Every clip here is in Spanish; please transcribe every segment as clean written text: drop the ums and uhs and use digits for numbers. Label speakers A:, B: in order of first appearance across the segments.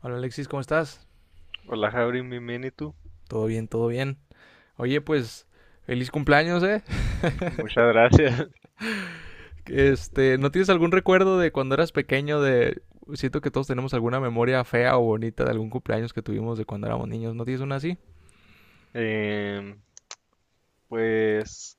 A: Hola Alexis, ¿cómo estás?
B: Hola, Javrin, bienvenido.
A: Todo bien, todo bien. Oye, pues feliz cumpleaños, ¿eh?
B: Muchas gracias.
A: Este, ¿no tienes algún recuerdo de cuando eras pequeño de siento que todos tenemos alguna memoria fea o bonita de algún cumpleaños que tuvimos de cuando éramos niños? ¿No tienes una así?
B: Em, pues,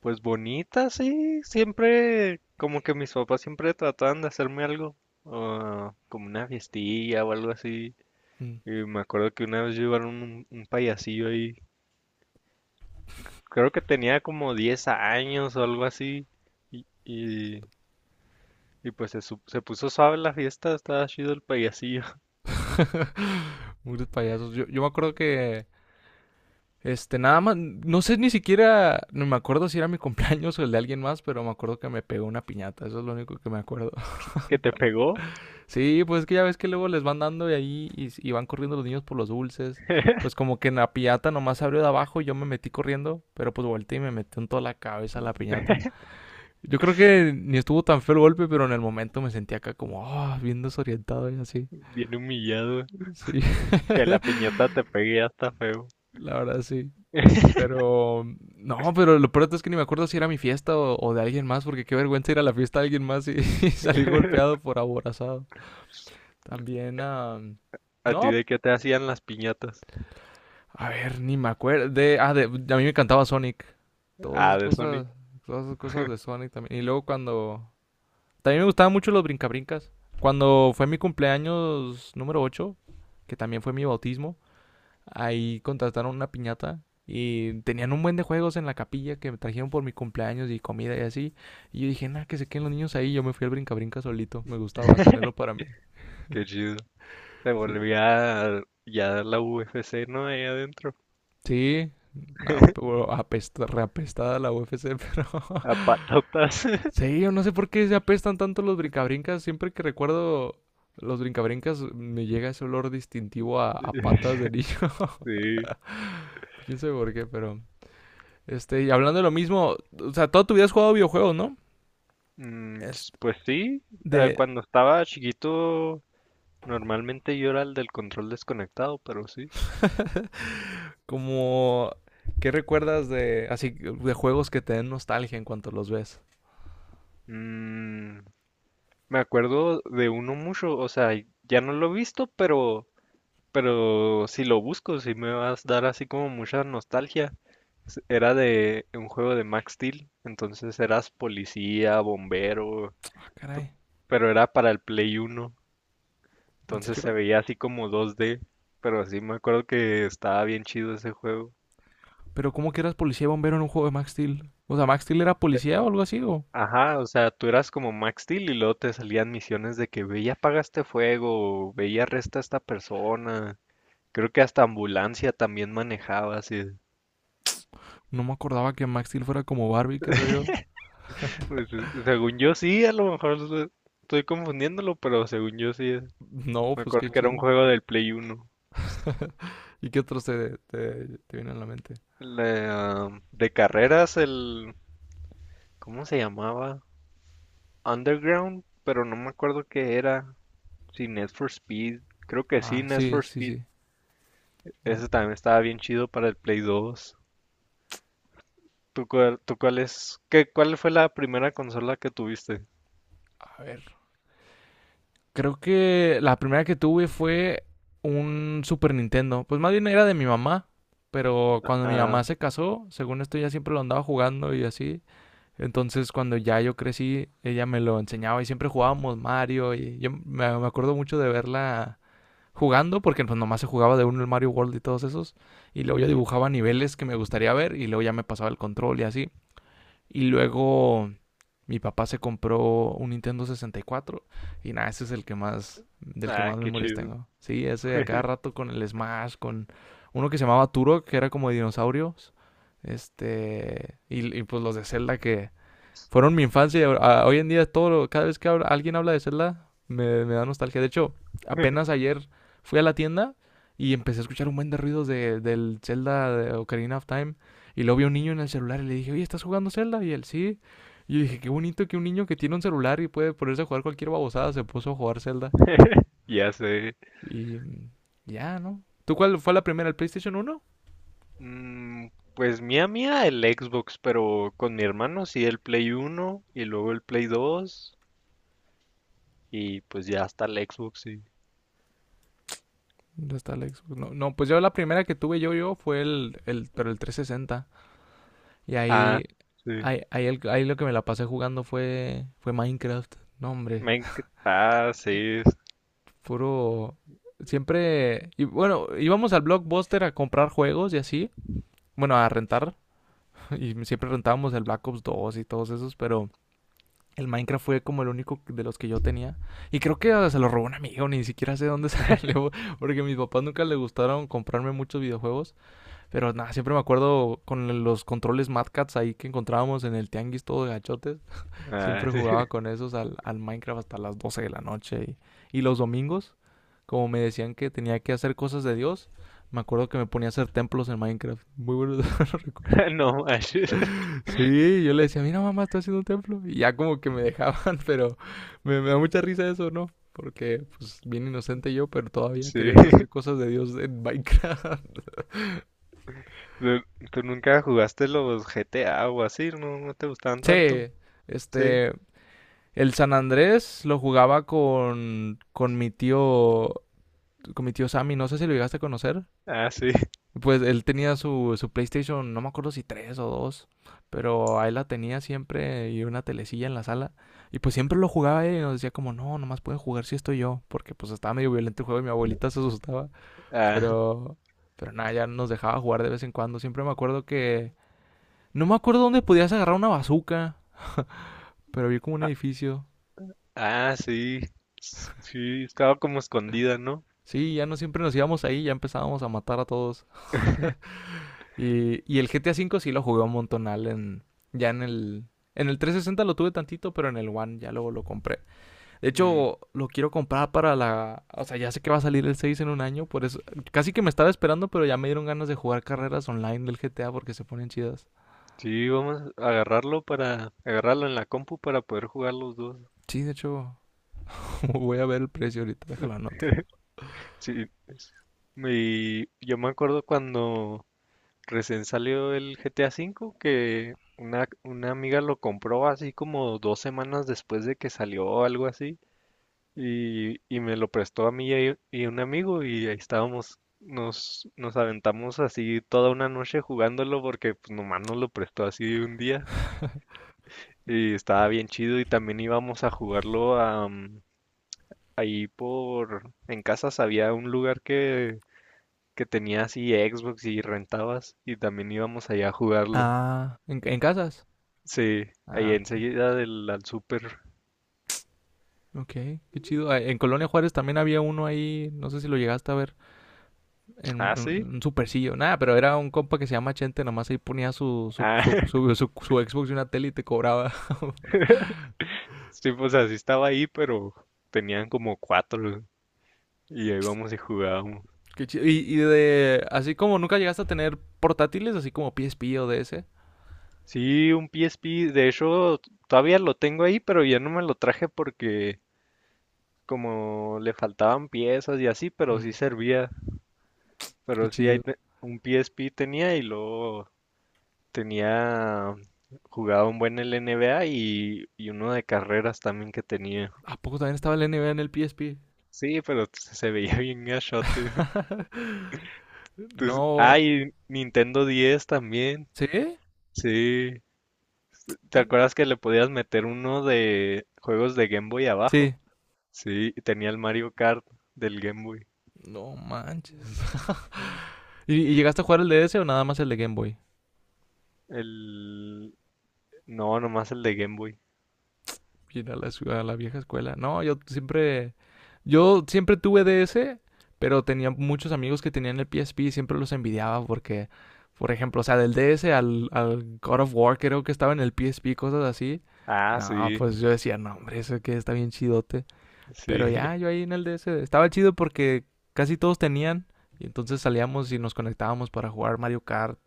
B: pues bonita, sí. Siempre, como que mis papás siempre trataban de hacerme algo, como una fiestilla o algo así.
A: Mm.
B: Y me acuerdo que una vez llevaron un payasillo ahí. Creo que tenía como 10 años o algo así. Y, y, y pues se puso suave la fiesta, estaba chido el payasillo.
A: Muchos payasos. Yo me acuerdo que nada más no sé ni siquiera no me acuerdo si era mi cumpleaños o el de alguien más, pero me acuerdo que me pegó una piñata, eso es lo único que me acuerdo.
B: Que te pegó,
A: Sí, pues es que ya ves que luego les van dando de ahí y, y van corriendo los niños por los dulces. Pues como que en la piñata nomás abrió de abajo y yo me metí corriendo, pero pues volteé y me metió en toda la cabeza la piñata. Yo creo que ni estuvo tan feo el golpe, pero en el momento me sentí acá como, bien desorientado y así.
B: bien humillado.
A: Sí.
B: Que la piñata te pegue ya está feo.
A: La verdad sí. Pero, no, pero lo peor es que ni me acuerdo si era mi fiesta o de alguien más, porque qué vergüenza ir a la fiesta de alguien más y, y salir golpeado por aborazado. También,
B: ¿A ti
A: no,
B: de qué te hacían las piñatas?
A: a ver, ni me acuerdo. A mí me encantaba Sonic. Todas
B: Ah,
A: esas
B: de
A: cosas,
B: Sonic.
A: todas esas cosas de Sonic también. Y luego cuando. También me gustaban mucho los brincabrincas. Cuando fue mi cumpleaños número 8, que también fue mi bautismo, ahí contrataron una piñata y tenían un buen de juegos en la capilla que me trajeron por mi cumpleaños y comida y así. Y yo dije, nada, que se queden los niños ahí. Yo me fui al brincabrinca solito. Me gustaba tenerlo para mí.
B: Qué chido. Se
A: Sí.
B: volvía ya la UFC, ¿no? Ahí adentro.
A: Sí. No, pero reapestada la UFC, pero
B: A patatas.
A: sí, yo no sé por qué se apestan tanto los brincabrincas. Siempre que recuerdo los brincabrincas, me llega ese olor distintivo a patas de niño.
B: Sí.
A: Quién sabe por qué, pero. Y hablando de lo mismo, o sea, toda tu vida has jugado videojuegos, ¿no?
B: Mm, ch-
A: Este,
B: pues sí.
A: de.
B: Cuando estaba chiquito, normalmente yo era el del control desconectado, pero sí.
A: Como. ¿Qué recuerdas de. Así, de juegos que te den nostalgia en cuanto los ves?
B: Mm, me acuerdo de uno mucho. O sea, ya no lo he visto, pero si lo busco, si me vas a dar así como mucha nostalgia. Era de un juego de Max Steel, entonces eras policía, bombero,
A: Ah,
B: pe-
A: caray.
B: pero era para el Play 1,
A: ¿En
B: entonces se
A: serio?
B: veía así como 2D, pero sí me acuerdo que estaba bien chido ese juego.
A: Pero ¿cómo que eras policía y bombero en un juego de Max Steel? O sea, ¿Max Steel era policía o algo así? ¿O?
B: Ajá, o sea, tú eras como Max Steel y luego te salían misiones de que ve y apaga este fuego, ve y arresta a esta persona. Creo que hasta ambulancia también manejabas y
A: No me acordaba que Max Steel fuera como Barbie, qué rollo.
B: pues, según yo sí, a lo mejor estoy confundiéndolo, pero según yo sí. Es.
A: No,
B: Me
A: pues qué
B: acuerdo que era un
A: chido.
B: juego del Play 1.
A: ¿Y qué otros te vienen a la mente?
B: De carreras, el, ¿cómo se llamaba? Underground, pero no me acuerdo qué era. Si Need for Speed. Creo que sí,
A: Ah,
B: Need for
A: sí, sí,
B: Speed.
A: sí.
B: Ese también estaba bien chido para el Play 2. ¿Tú cuál es? ¿Qué, cuál fue la primera consola que tuviste?
A: A ver. Creo que la primera que tuve fue un Super Nintendo. Pues más bien era de mi mamá. Pero cuando mi mamá
B: Ah,
A: se casó, según esto, ya siempre lo andaba jugando y así. Entonces, cuando ya yo crecí, ella me lo enseñaba y siempre jugábamos Mario. Y yo me acuerdo mucho de verla jugando, porque pues nomás se jugaba de uno el Mario World y todos esos. Y luego yo dibujaba niveles que me gustaría ver y luego ya me pasaba el control y así. Y luego mi papá se compró un Nintendo 64 y cuatro, y nada, ese es el que más, del que
B: ah,
A: más
B: qué
A: memorias
B: chido.
A: tengo. Sí, ese a cada rato con el Smash, con uno que se llamaba Turok, que era como de dinosaurios. Y pues los de Zelda que fueron mi infancia. Y Hoy en día, todo, cada vez que alguien habla de Zelda, me da nostalgia. De hecho, apenas ayer fui a la tienda y empecé a escuchar un buen de ruidos de, del Zelda de Ocarina of Time. Y luego vi a un niño en el celular y le dije, oye, ¿estás jugando Zelda? Y él, sí. Y yo dije, qué bonito que un niño que tiene un celular y puede ponerse a jugar cualquier babosada se puso a jugar Zelda.
B: Ya sé.
A: Y ya, ¿no? ¿Tú cuál fue la primera? ¿El PlayStation 1?
B: Mm, pues mía, el Xbox, pero con mi hermano sí el Play 1 y luego el Play 2, y pues ya hasta el Xbox, sí.
A: Ya está la Xbox. No, no, pues yo la primera que tuve yo fue pero el 360. Y ahí,
B: Ah, sí.
A: ahí lo que me la pasé jugando fue, Minecraft. No, hombre,
B: Ah, sí.
A: puro. Siempre. Y bueno, íbamos al Blockbuster a comprar juegos y así. Bueno, a rentar. Y siempre rentábamos el Black Ops 2 y todos esos, pero el Minecraft fue como el único de los que yo tenía. Y creo que se lo robó un amigo, ni siquiera sé dónde salió, porque a mis papás nunca les gustaron comprarme muchos videojuegos. Pero nada, siempre me acuerdo con los controles Mad Cats ahí que encontrábamos en el tianguis todo de gachotes.
B: Ah,
A: Siempre
B: sí.
A: jugaba con esos al, al Minecraft hasta las 12 de la noche. Y los domingos, como me decían que tenía que hacer cosas de Dios, me acuerdo que me ponía a hacer templos en Minecraft. Muy buenos recuerdos.
B: No manches.
A: Sí, yo le decía, mira mamá, estoy haciendo un templo. Y ya como que me dejaban, pero me da mucha risa eso, ¿no? Porque, pues, bien inocente yo, pero todavía
B: Sí.
A: queriendo hacer cosas de Dios en Minecraft.
B: ¿Tú tú nunca jugaste los GTA o así? ¿No, no te gustaban tanto?
A: Sí,
B: Sí.
A: este, el San Andrés lo jugaba con mi tío, con mi tío Sammy. No sé si lo llegaste a conocer.
B: Ah, sí.
A: Pues él tenía su, PlayStation, no me acuerdo si tres o dos, pero ahí la tenía siempre y una telecilla en la sala. Y pues siempre lo jugaba él y nos decía como, no, nomás puede jugar si estoy yo, porque pues estaba medio violento el juego y mi abuelita se asustaba.
B: Ah,
A: Pero, pero nada, ya nos dejaba jugar de vez en cuando. Siempre me acuerdo que, no me acuerdo dónde podías agarrar una bazuca, pero vi como un edificio.
B: ah, sí. Sí, estaba como escondida, ¿no?
A: Sí, ya no siempre nos íbamos ahí, ya empezábamos a matar a todos. Y el GTA V sí lo jugué un montonal ya en el 360 lo tuve tantito, pero en el One ya luego lo compré. De
B: Mm.
A: hecho, lo quiero comprar para la, o sea, ya sé que va a salir el 6 en un año, por eso, casi que me estaba esperando, pero ya me dieron ganas de jugar carreras online del GTA porque se ponen chidas.
B: Sí, vamos a agarrarlo, para agarrarlo en la compu, para poder jugar los dos.
A: Sí, de hecho, voy a ver el precio ahorita, déjalo anoto.
B: Sí, y yo me acuerdo cuando recién salió el GTA V, que una amiga lo compró así como 2 semanas después de que salió o algo así. Y me lo prestó a mí y un amigo, y ahí estábamos, nos aventamos así toda una noche jugándolo, porque pues, nomás nos lo prestó así un día. Y estaba bien chido, y también íbamos a jugarlo a, ahí por, en casas había un lugar que tenía así Xbox y rentabas, y también íbamos allá a jugarlo.
A: Ah, ¿en casas?
B: Sí, ahí
A: Ah, ok.
B: enseguida del al súper.
A: Ok, qué chido. Ah, en Colonia Juárez también había uno ahí, no sé si lo llegaste a ver,
B: Ah, sí.
A: en un supercillo. Nada, pero era un compa que se llama Chente, nomás ahí ponía su, su,
B: Ah,
A: su, su, su- su Xbox y una tele y te cobraba.
B: sí, pues así estaba ahí, pero tenían como cuatro y ahí íbamos y jugábamos.
A: Qué chido. Y de, así como nunca llegaste a tener portátiles, así como PSP o DS.
B: Sí, un PSP, de hecho todavía lo tengo ahí, pero ya no me lo traje porque como le faltaban piezas y así, pero
A: Mm,
B: sí servía.
A: qué
B: Pero sí, ahí
A: chido.
B: un PSP tenía, y luego Tenía, jugaba un buen el NBA, y uno de carreras también que tenía.
A: ¿A poco también estaba el NBA en el PSP?
B: Sí, pero se veía bien gachote. Ah,
A: No.
B: y Nintendo 10 también.
A: ¿Sí?
B: Sí. ¿Te acuerdas que le podías meter uno de juegos de Game Boy
A: Sí.
B: abajo? Sí, y tenía el Mario Kart del Game Boy.
A: No manches.
B: Ujú.
A: ¿Y, y llegaste a jugar el DS o nada más el de Game Boy?
B: El. No, nomás el de Game Boy.
A: Ir a la, ciudad, a la vieja escuela. No, yo siempre tuve DS, pero tenía muchos amigos que tenían el PSP y siempre los envidiaba porque, por ejemplo, o sea, del DS al God of War creo que estaba en el PSP, cosas así.
B: Ah,
A: No,
B: sí,
A: pues yo decía, no, hombre, eso que está bien chidote. Pero
B: sí,
A: ya, yo ahí en el DS estaba chido porque casi todos tenían. Y entonces salíamos y nos conectábamos para jugar Mario Kart.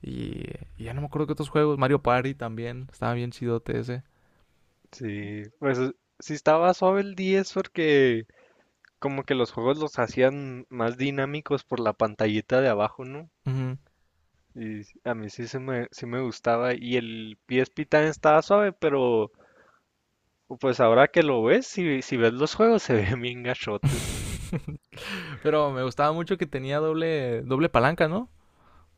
A: Y, y ya no me acuerdo qué otros juegos. Mario Party también. Estaba bien chidote ese.
B: sí. Pues sí estaba suave el 10 porque como que los juegos los hacían más dinámicos por la pantallita de abajo, ¿no?
A: Ujú.
B: Y a mí sí, se me, sí me gustaba. Y el PSP también estaba suave, pero pues ahora que lo ves, si, si ves los juegos, se ven bien gachotes.
A: Pero me gustaba mucho que tenía doble, doble palanca, ¿no?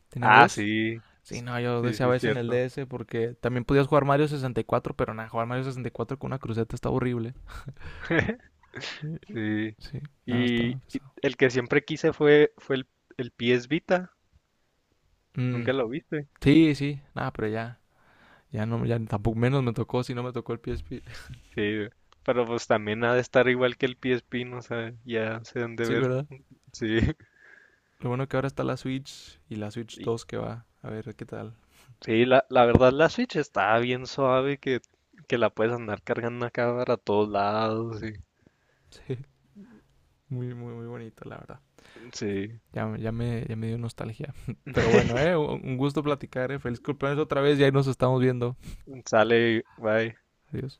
A: Tenía
B: Ah,
A: dos.
B: sí,
A: Sí, no, yo
B: sí, sí,
A: deseaba eso en el
B: cierto.
A: DS porque también podías jugar Mario 64, pero nada, jugar Mario 64 con una cruceta está horrible.
B: Sí.
A: Sí, nada,
B: Y
A: estaba pesado.
B: el que siempre quise fue el PS Vita.
A: Mm,
B: ¿Nunca lo viste?
A: sí, sí, nada, pero ya, ya no, ya tampoco menos me tocó si no me tocó el PSP.
B: Sí, pero pues también ha de estar igual que el PSP, no sé, ya se han de
A: Sí,
B: ver.
A: ¿verdad?
B: Sí.
A: Lo bueno que ahora está la Switch y la Switch
B: Y,
A: 2 que va. A ver qué tal.
B: sí, la verdad la Switch está bien suave, que la puedes andar cargando acá para todos lados. y-
A: Sí, muy, muy, muy bonito, la verdad.
B: sí,
A: Ya, ya me dio nostalgia. Pero bueno, un gusto platicar, eh. Feliz cumpleaños otra vez y ahí nos estamos viendo.
B: sale, bye.
A: Adiós.